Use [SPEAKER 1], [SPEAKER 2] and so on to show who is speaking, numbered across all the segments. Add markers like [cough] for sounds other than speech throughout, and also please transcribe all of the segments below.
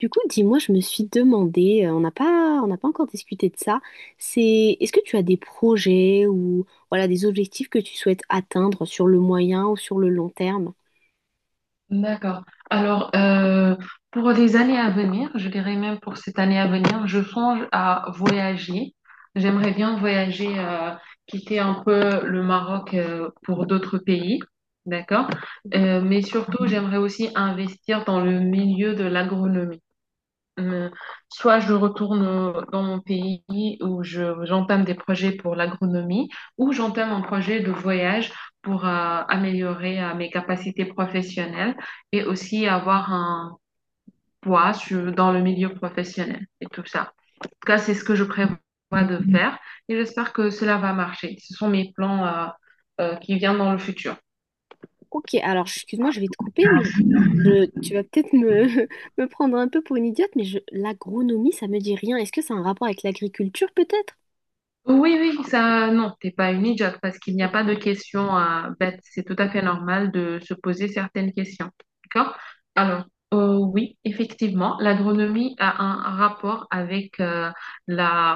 [SPEAKER 1] Du coup, dis-moi, je me suis demandé, on n'a pas encore discuté de ça, c'est est-ce que tu as des projets ou voilà des objectifs que tu souhaites atteindre sur le moyen ou sur le long terme?
[SPEAKER 2] D'accord. Alors, pour les années à venir, je dirais même pour cette année à venir, je songe à voyager. J'aimerais bien voyager, quitter un peu le Maroc, pour d'autres pays. D'accord? Mais surtout, Mhm. J'aimerais aussi investir dans le milieu de l'agronomie. Euh, Soit je retourne dans mon pays où j'entame des projets pour l'agronomie, ou j'entame un projet de voyage pour améliorer mes capacités professionnelles et aussi avoir un dans le milieu professionnel et tout ça. En tout cas, c'est ce que je prévois de faire et j'espère que cela va marcher. Ce sont mes plans qui viennent dans le futur.
[SPEAKER 1] Ok, alors excuse-moi, je vais te couper, mais tu vas peut-être me, [laughs] me prendre un peu pour une idiote, mais l'agronomie, ça me dit rien. Est-ce que c'est un rapport avec l'agriculture, peut-être?
[SPEAKER 2] Oui, oui, ça, non, t'es pas une idiote parce qu'il n'y a pas de questions à bête. C'est tout à fait normal de se poser certaines questions. D'accord? Alors, oui, effectivement, l'agronomie a un rapport avec la,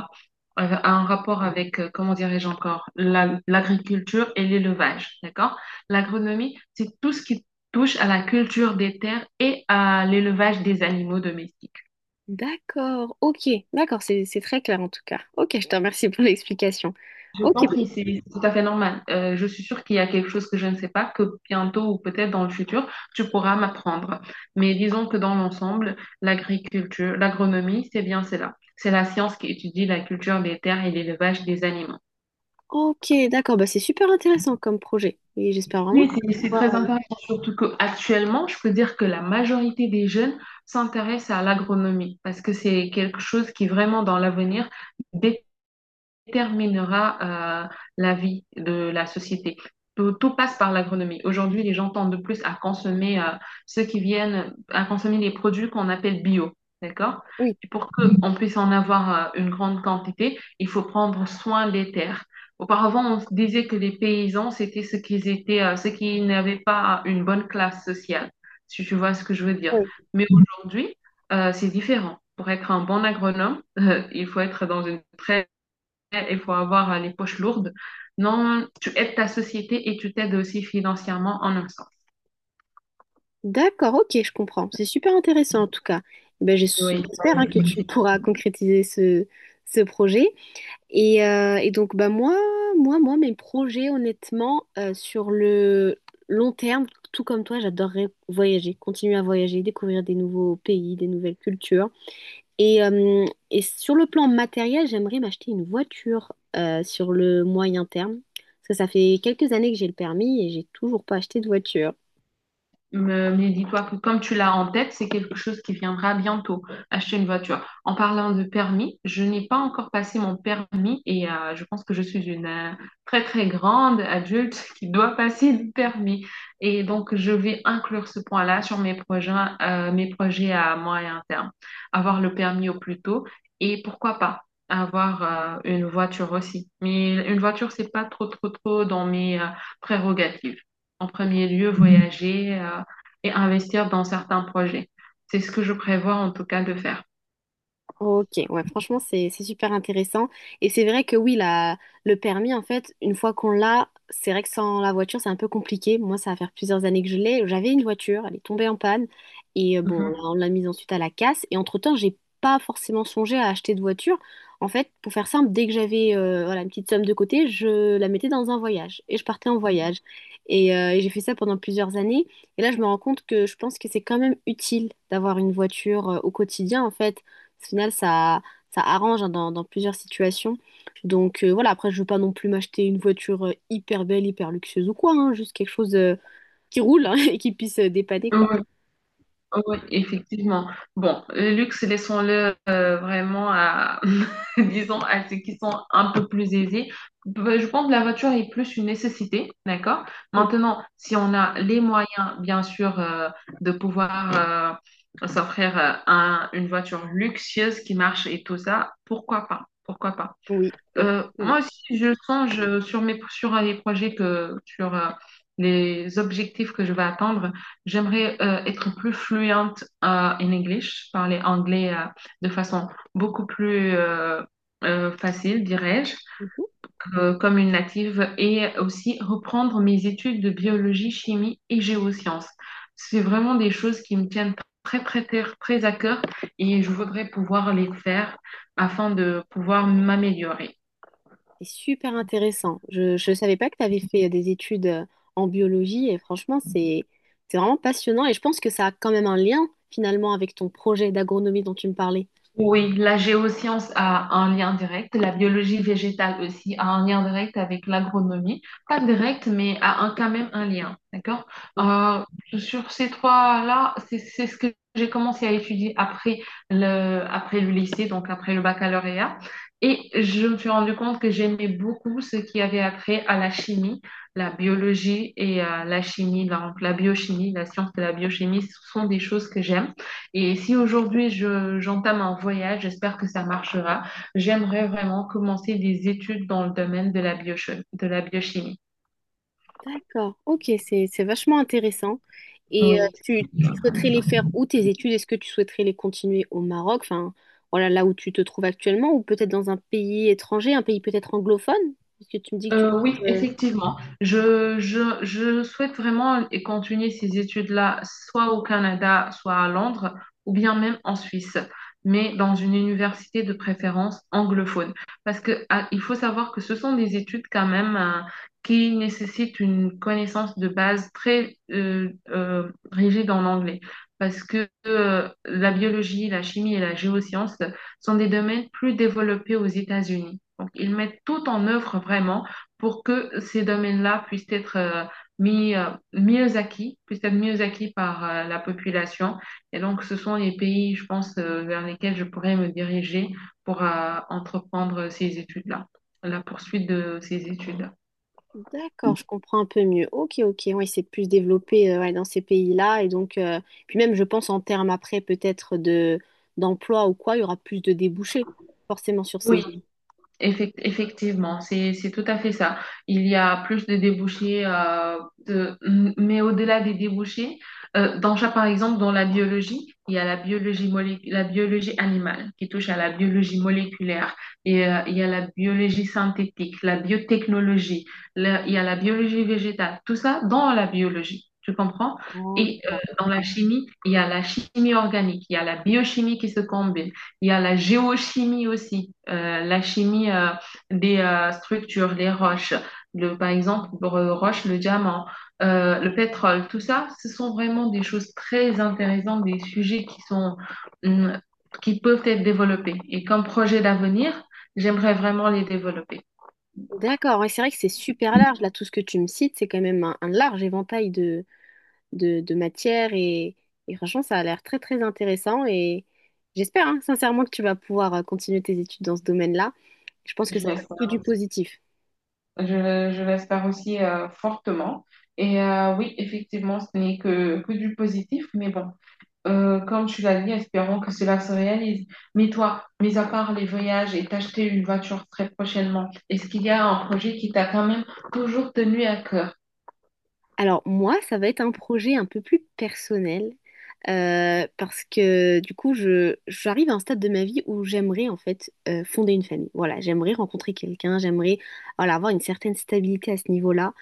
[SPEAKER 2] a un rapport avec, comment dirais-je encore, l'agriculture et l'élevage. D'accord? L'agronomie, c'est tout ce qui touche à la culture des terres et à l'élevage des animaux domestiques.
[SPEAKER 1] D'accord, ok, d'accord, c'est très clair en tout cas. Ok, je te remercie pour [laughs] l'explication.
[SPEAKER 2] Je
[SPEAKER 1] Ok,
[SPEAKER 2] t'en
[SPEAKER 1] bah-
[SPEAKER 2] prie, c'est tout à fait normal. Je suis sûre qu'il y a quelque chose que je ne sais pas, que bientôt ou peut-être dans le futur, tu pourras m'apprendre. Mais disons que dans l'ensemble, l'agriculture, l'agronomie, c'est bien cela. C'est la science qui étudie la culture des terres et l'élevage des animaux.
[SPEAKER 1] ok, d'accord, bah c'est super intéressant comme projet. Et j'espère vraiment
[SPEAKER 2] Oui,
[SPEAKER 1] que tu vas
[SPEAKER 2] c'est très
[SPEAKER 1] pouvoir-
[SPEAKER 2] intéressant, surtout qu'actuellement, je peux dire que la majorité des jeunes s'intéressent à l'agronomie parce que c'est quelque chose qui vraiment dans l'avenir déterminera la vie de la société. Tout, tout passe par l'agronomie. Aujourd'hui, les gens tendent de plus à consommer ceux qui viennent, à consommer les produits qu'on appelle bio. D'accord?
[SPEAKER 1] Oui,
[SPEAKER 2] Et pour qu'on puisse en avoir une grande quantité, il faut prendre soin des terres. Auparavant, on disait que les paysans, c'était ceux qui étaient, ceux qui n'avaient pas une bonne classe sociale, si tu vois ce que je veux dire.
[SPEAKER 1] oui.
[SPEAKER 2] Mais aujourd'hui, c'est différent. Pour être un bon agronome, [laughs] il faut être dans une très il faut avoir les poches lourdes. Non, tu aides ta société et tu t'aides aussi financièrement en un sens.
[SPEAKER 1] D'accord, ok, je comprends. C'est super intéressant en tout cas. Eh Ben,
[SPEAKER 2] Oui,
[SPEAKER 1] j'espère hein,
[SPEAKER 2] oui,
[SPEAKER 1] que tu [laughs] pourras concrétiser ce, ce projet. Et donc, bah, moi, mes projets, honnêtement, sur le long terme, tout comme toi, j'adorerais voyager, continuer à voyager, découvrir des nouveaux pays, des nouvelles cultures. Et, euh, et sur le plan matériel, j'aimerais m'acheter une voiture sur le moyen terme. Parce que ça fait quelques années que j'ai le permis et j'ai toujours pas acheté de voiture.
[SPEAKER 2] Mais dis-toi que comme tu l'as en tête, c'est quelque chose qui viendra bientôt, acheter une voiture. En parlant de permis, je n'ai pas encore passé mon permis et je pense que je suis une très très grande adulte [laughs] qui doit passer le permis. Et donc, je vais inclure ce point-là sur mes projets à moyen terme. Avoir le permis au plus tôt et pourquoi pas avoir une voiture aussi. Mais une voiture, c'est pas trop trop trop dans mes prérogatives. En premier lieu, Mhm. Voyager. Et investir dans certains projets. C'est ce que je prévois en tout cas de faire.
[SPEAKER 1] Ok, ouais, franchement, c'est super intéressant. Et c'est vrai que oui, la, le permis, en fait, une fois qu'on l'a, c'est vrai que sans la voiture, c'est un peu compliqué. Moi, ça va faire plusieurs années que je l'ai. J'avais une voiture, elle est tombée en panne. Et bon,
[SPEAKER 2] Mhm.
[SPEAKER 1] on l'a mise ensuite à la casse. Et entre-temps, j'ai pas forcément songé à acheter de voiture. En fait, pour faire simple, dès que j'avais voilà, une petite somme de côté, je la mettais dans un voyage. Et je partais en voyage. Et j'ai fait ça pendant plusieurs années. Et là, je me rends compte que je pense que c'est quand même utile d'avoir une voiture au quotidien, en fait. Au final, ça arrange hein, dans plusieurs situations. Donc voilà, après, je veux pas non plus m'acheter une voiture hyper belle, hyper luxueuse ou quoi, hein, juste quelque chose qui roule hein, [laughs] et qui puisse dépanner, quoi.
[SPEAKER 2] Oui, oui, effectivement. Bon, le luxe, laissons-le vraiment à, [laughs] disons, à ceux qui sont un peu plus aisés. Bah, je pense que la voiture est plus une nécessité, d'accord?
[SPEAKER 1] Mm.
[SPEAKER 2] Maintenant, si on a les moyens, bien sûr, de pouvoir s'offrir une voiture luxueuse qui marche et tout ça, pourquoi pas? Pourquoi pas?
[SPEAKER 1] Oui,
[SPEAKER 2] Moi
[SPEAKER 1] exactement.
[SPEAKER 2] aussi, je songe sur mes, sur sur les objectifs que je vais atteindre. J'aimerais être plus fluente en English, parler anglais de façon beaucoup plus facile, dirais-je,
[SPEAKER 1] Mhm.
[SPEAKER 2] comme une native, et aussi reprendre mes études de biologie, chimie et géosciences. C'est vraiment des choses qui me tiennent très, très, très, très à cœur et je voudrais pouvoir les faire afin de pouvoir m'améliorer.
[SPEAKER 1] C'est super intéressant. Je ne savais pas que tu avais fait des études en biologie et franchement, c'est vraiment passionnant et je pense que ça a quand même un lien finalement avec ton projet d'agronomie dont tu me parlais.
[SPEAKER 2] Oui, la géoscience a un lien direct, la biologie végétale aussi a un lien direct avec l'agronomie, pas direct, mais a un, quand même un lien, d'accord? Euh, Sur ces trois-là, c'est ce que j'ai commencé à étudier après après le lycée, donc après le baccalauréat, et je me suis rendu compte que j'aimais beaucoup ce qui avait après à la chimie, la biologie et la chimie, donc la biochimie, la science de la biochimie, ce sont des choses que j'aime. Et si aujourd'hui j'entame un voyage, j'espère que ça marchera. J'aimerais vraiment commencer des études dans le domaine de de la biochimie.
[SPEAKER 1] D'accord, ok, c'est vachement intéressant. Et
[SPEAKER 2] Oui.
[SPEAKER 1] tu souhaiterais les faire où tes études? Est-ce que tu souhaiterais les continuer au Maroc, enfin voilà là où tu te trouves actuellement, ou peut-être dans un pays étranger, un pays peut-être anglophone? Parce que tu me dis que
[SPEAKER 2] Oui, effectivement. Je souhaite vraiment et continuer ces études-là, soit au Canada, soit à Londres, ou bien même en Suisse, mais dans une université de préférence anglophone. Parce que, ah, il faut savoir que ce sont des études quand même, qui nécessitent une connaissance de base très rigide en anglais. Parce que la biologie, la chimie et la géoscience sont des domaines plus développés aux États-Unis. Donc, ils mettent tout en œuvre vraiment pour que ces domaines-là puissent être mieux acquis, puissent être mieux acquis par la population. Et donc, ce sont les pays, je pense, vers lesquels je pourrais me diriger pour entreprendre ces études-là, la poursuite de ces études.
[SPEAKER 1] D'accord, je comprends un peu mieux. Ok, ok, ouais, c'est plus développé ouais, dans ces pays-là. Et donc, puis même, je pense en termes après peut-être de d'emploi ou quoi, il y aura plus de débouchés forcément sur ces.
[SPEAKER 2] Oui, Effectivement, c'est tout à fait ça. Il y a plus de débouchés, de, mais au-delà des débouchés, dans par exemple, dans la biologie, il y a la la biologie animale qui touche à la biologie moléculaire, et il y a la biologie synthétique, la biotechnologie, il y a la biologie végétale, tout ça dans la biologie, tu comprends?
[SPEAKER 1] Oh,
[SPEAKER 2] Et
[SPEAKER 1] d'accord.
[SPEAKER 2] dans la chimie, il y a la chimie organique, il y a la biochimie qui se combine. Il y a la géochimie aussi, la chimie des structures, les roches, par exemple, le roche, le diamant, le pétrole, tout ça, ce sont vraiment des choses très intéressantes, des sujets qui sont, hum, qui peuvent être développés. Et comme projet d'avenir, j'aimerais vraiment les développer.
[SPEAKER 1] D'accord, ouais, c'est vrai que c'est super large. Là, tout ce que tu me cites, c'est quand même un large éventail de matières et franchement, ça a l'air très très intéressant et j'espère hein, sincèrement que tu vas pouvoir continuer tes études dans ce domaine-là. Je pense que
[SPEAKER 2] Je
[SPEAKER 1] ça va être que
[SPEAKER 2] l'espère
[SPEAKER 1] du
[SPEAKER 2] aussi.
[SPEAKER 1] positif.
[SPEAKER 2] Je l'espère aussi fortement. Et oui, effectivement, ce n'est que, que du positif, mais bon. Comme tu l'as dit, espérons que cela se réalise. Mais toi, mis à part les voyages et t'acheter une voiture très prochainement, est-ce qu'il y a un projet qui t'a quand même toujours tenu à cœur?
[SPEAKER 1] Alors moi, ça va être un projet un peu plus personnel parce que du coup, j'arrive à un stade de ma vie où j'aimerais en fait fonder une famille. Voilà, j'aimerais rencontrer quelqu'un, j'aimerais voilà, avoir une certaine stabilité à ce niveau-là.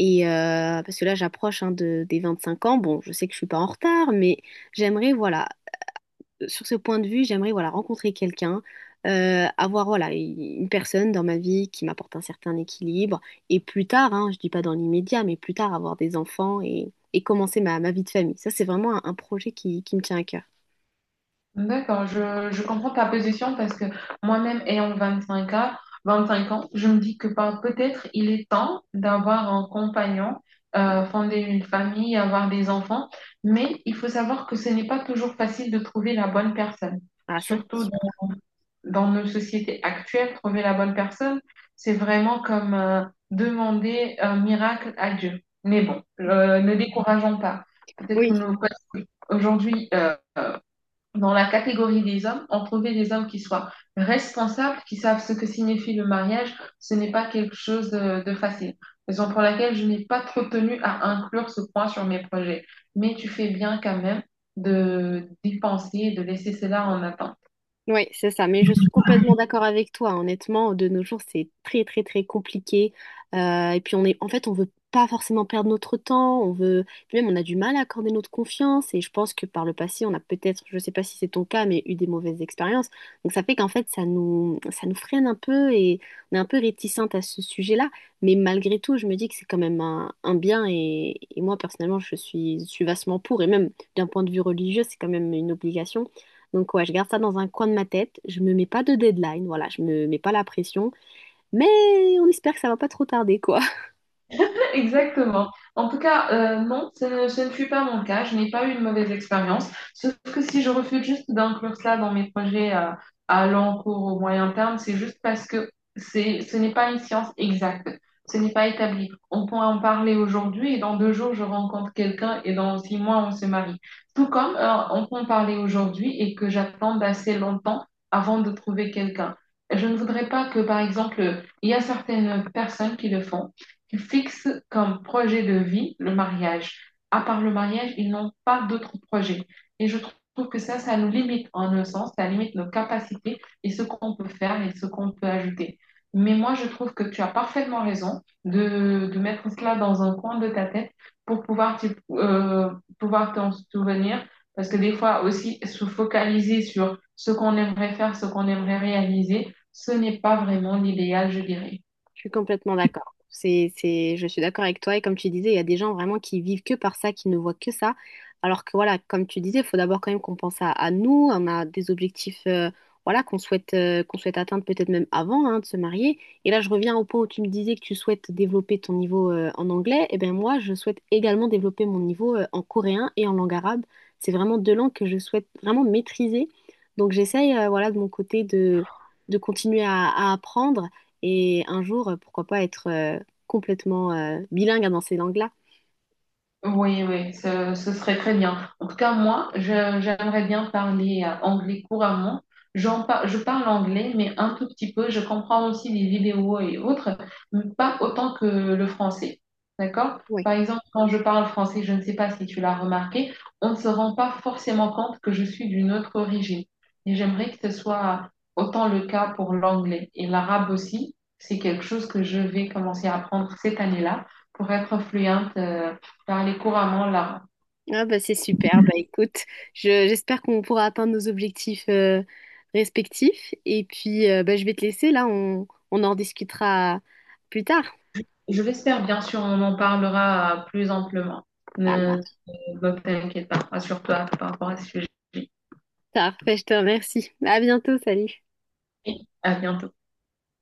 [SPEAKER 1] Et parce que là, j'approche hein, de, des 25 ans. Bon, je sais que je suis pas en retard, mais j'aimerais, voilà, sur ce point de vue, j'aimerais, voilà, rencontrer quelqu'un, avoir, voilà, une personne dans ma vie qui m'apporte un certain équilibre. Et plus tard, hein, je dis pas dans l'immédiat, mais plus tard, avoir des enfants et commencer ma vie de famille. Ça, c'est vraiment un projet qui me tient à cœur.
[SPEAKER 2] D'accord, je comprends ta position parce que moi-même, ayant 25 ans, 25 ans, je me dis que peut-être il est temps d'avoir un compagnon, fonder une famille, avoir des enfants, mais il faut savoir que ce n'est pas toujours facile de trouver la bonne personne,
[SPEAKER 1] Ah, ça, c'est
[SPEAKER 2] surtout
[SPEAKER 1] sûr.
[SPEAKER 2] dans nos sociétés actuelles, trouver la bonne personne, c'est vraiment comme demander un miracle à Dieu. Mais bon, ne décourageons pas. Peut-être que
[SPEAKER 1] Oui.
[SPEAKER 2] nous, aujourd'hui, dans la catégorie des hommes, on trouvait des hommes qui soient responsables, qui savent ce que signifie le mariage. Ce n'est pas quelque chose de facile. Raison pour laquelle je n'ai pas trop tenu à inclure ce point sur mes projets. Mais tu fais bien quand même de d'y penser et de laisser cela en attente.
[SPEAKER 1] Oui, c'est ça, mais je suis complètement d'accord avec toi. Hein. Honnêtement, de nos jours, c'est très très très compliqué. Et puis on est, en fait, on veut pas forcément perdre notre temps. On veut, puis même on a du mal à accorder notre confiance. Et je pense que par le passé, on a peut-être, je sais pas si c'est ton cas, mais eu des mauvaises expériences. Donc ça fait qu'en fait, ça nous freine un peu et on est un peu réticente à ce sujet-là. Mais malgré tout, je me dis que c'est quand même un bien. Et moi personnellement, je suis vastement pour. Et même d'un point de vue religieux, c'est quand même une obligation. Donc ouais, je garde ça dans un coin de ma tête. Je me mets pas de deadline, voilà, je me mets pas la pression, mais on espère que ça va pas trop tarder, quoi. [laughs]
[SPEAKER 2] Exactement. En tout cas, non, ce ne fut pas mon cas. Je n'ai pas eu une mauvaise expérience. Sauf que si je refuse juste d'inclure cela dans mes projets à long cours au moyen terme, c'est juste parce que ce n'est pas une science exacte. Ce n'est pas établi. On peut en parler aujourd'hui et dans 2 jours, je rencontre quelqu'un et dans 6 mois, on se marie. Tout comme on peut en parler aujourd'hui et que j'attende assez longtemps avant de trouver quelqu'un. Je ne voudrais pas que, par exemple, il y a certaines personnes qui le font qui fixent comme projet de vie le mariage. À part le mariage, ils n'ont pas d'autres projets. Et je trouve que ça nous limite en un sens, ça limite nos capacités et ce qu'on peut faire et ce qu'on peut ajouter. Mais moi, je trouve que tu as parfaitement raison de mettre cela dans un coin de ta tête pour pouvoir pouvoir t'en souvenir. Parce que des fois aussi, se focaliser sur ce qu'on aimerait faire, ce qu'on aimerait réaliser, ce n'est pas vraiment l'idéal, je dirais.
[SPEAKER 1] Je suis complètement d'accord. Je suis d'accord avec toi. Et comme tu disais, il y a des gens vraiment qui vivent que par ça, qui ne voient que ça. Alors que voilà, comme tu disais, il faut d'abord quand même qu'on pense à nous. On a des objectifs, voilà, qu'on souhaite atteindre peut-être même avant, hein, de se marier. Et là, je reviens au point où tu me disais que tu souhaites développer ton niveau, en anglais. Et bien moi, je souhaite également développer mon niveau, en coréen et en langue arabe. C'est vraiment deux langues que je souhaite vraiment maîtriser. Donc j'essaye, voilà, de mon côté de continuer à apprendre. Et un jour, pourquoi pas être complètement bilingue dans ces langues-là.
[SPEAKER 2] Oui, oui, ce serait très bien. En tout cas, moi, j'aimerais bien parler anglais couramment. Je parle anglais, mais un tout petit peu. Je comprends aussi des vidéos et autres, mais pas autant que le français. D'accord?
[SPEAKER 1] Ouais.
[SPEAKER 2] Par exemple, quand je parle français, je ne sais pas si tu l'as remarqué, on ne se rend pas forcément compte que je suis d'une autre origine. Et j'aimerais que ce soit autant le cas pour l'anglais. Et l'arabe aussi, c'est quelque chose que je vais commencer à apprendre cette année-là pour être fluente. Parler couramment l'arabe.
[SPEAKER 1] Ah bah c'est super. Bah écoute, j'espère qu'on pourra atteindre nos objectifs respectifs. Et puis bah, je vais te laisser là, on en discutera plus tard.
[SPEAKER 2] Je l'espère, bien sûr, on en parlera plus amplement.
[SPEAKER 1] Ça marche.
[SPEAKER 2] Ne t'inquiète pas, rassure-toi par rapport à ce sujet.
[SPEAKER 1] Parfait, je te remercie. À bientôt, salut.
[SPEAKER 2] Et à bientôt.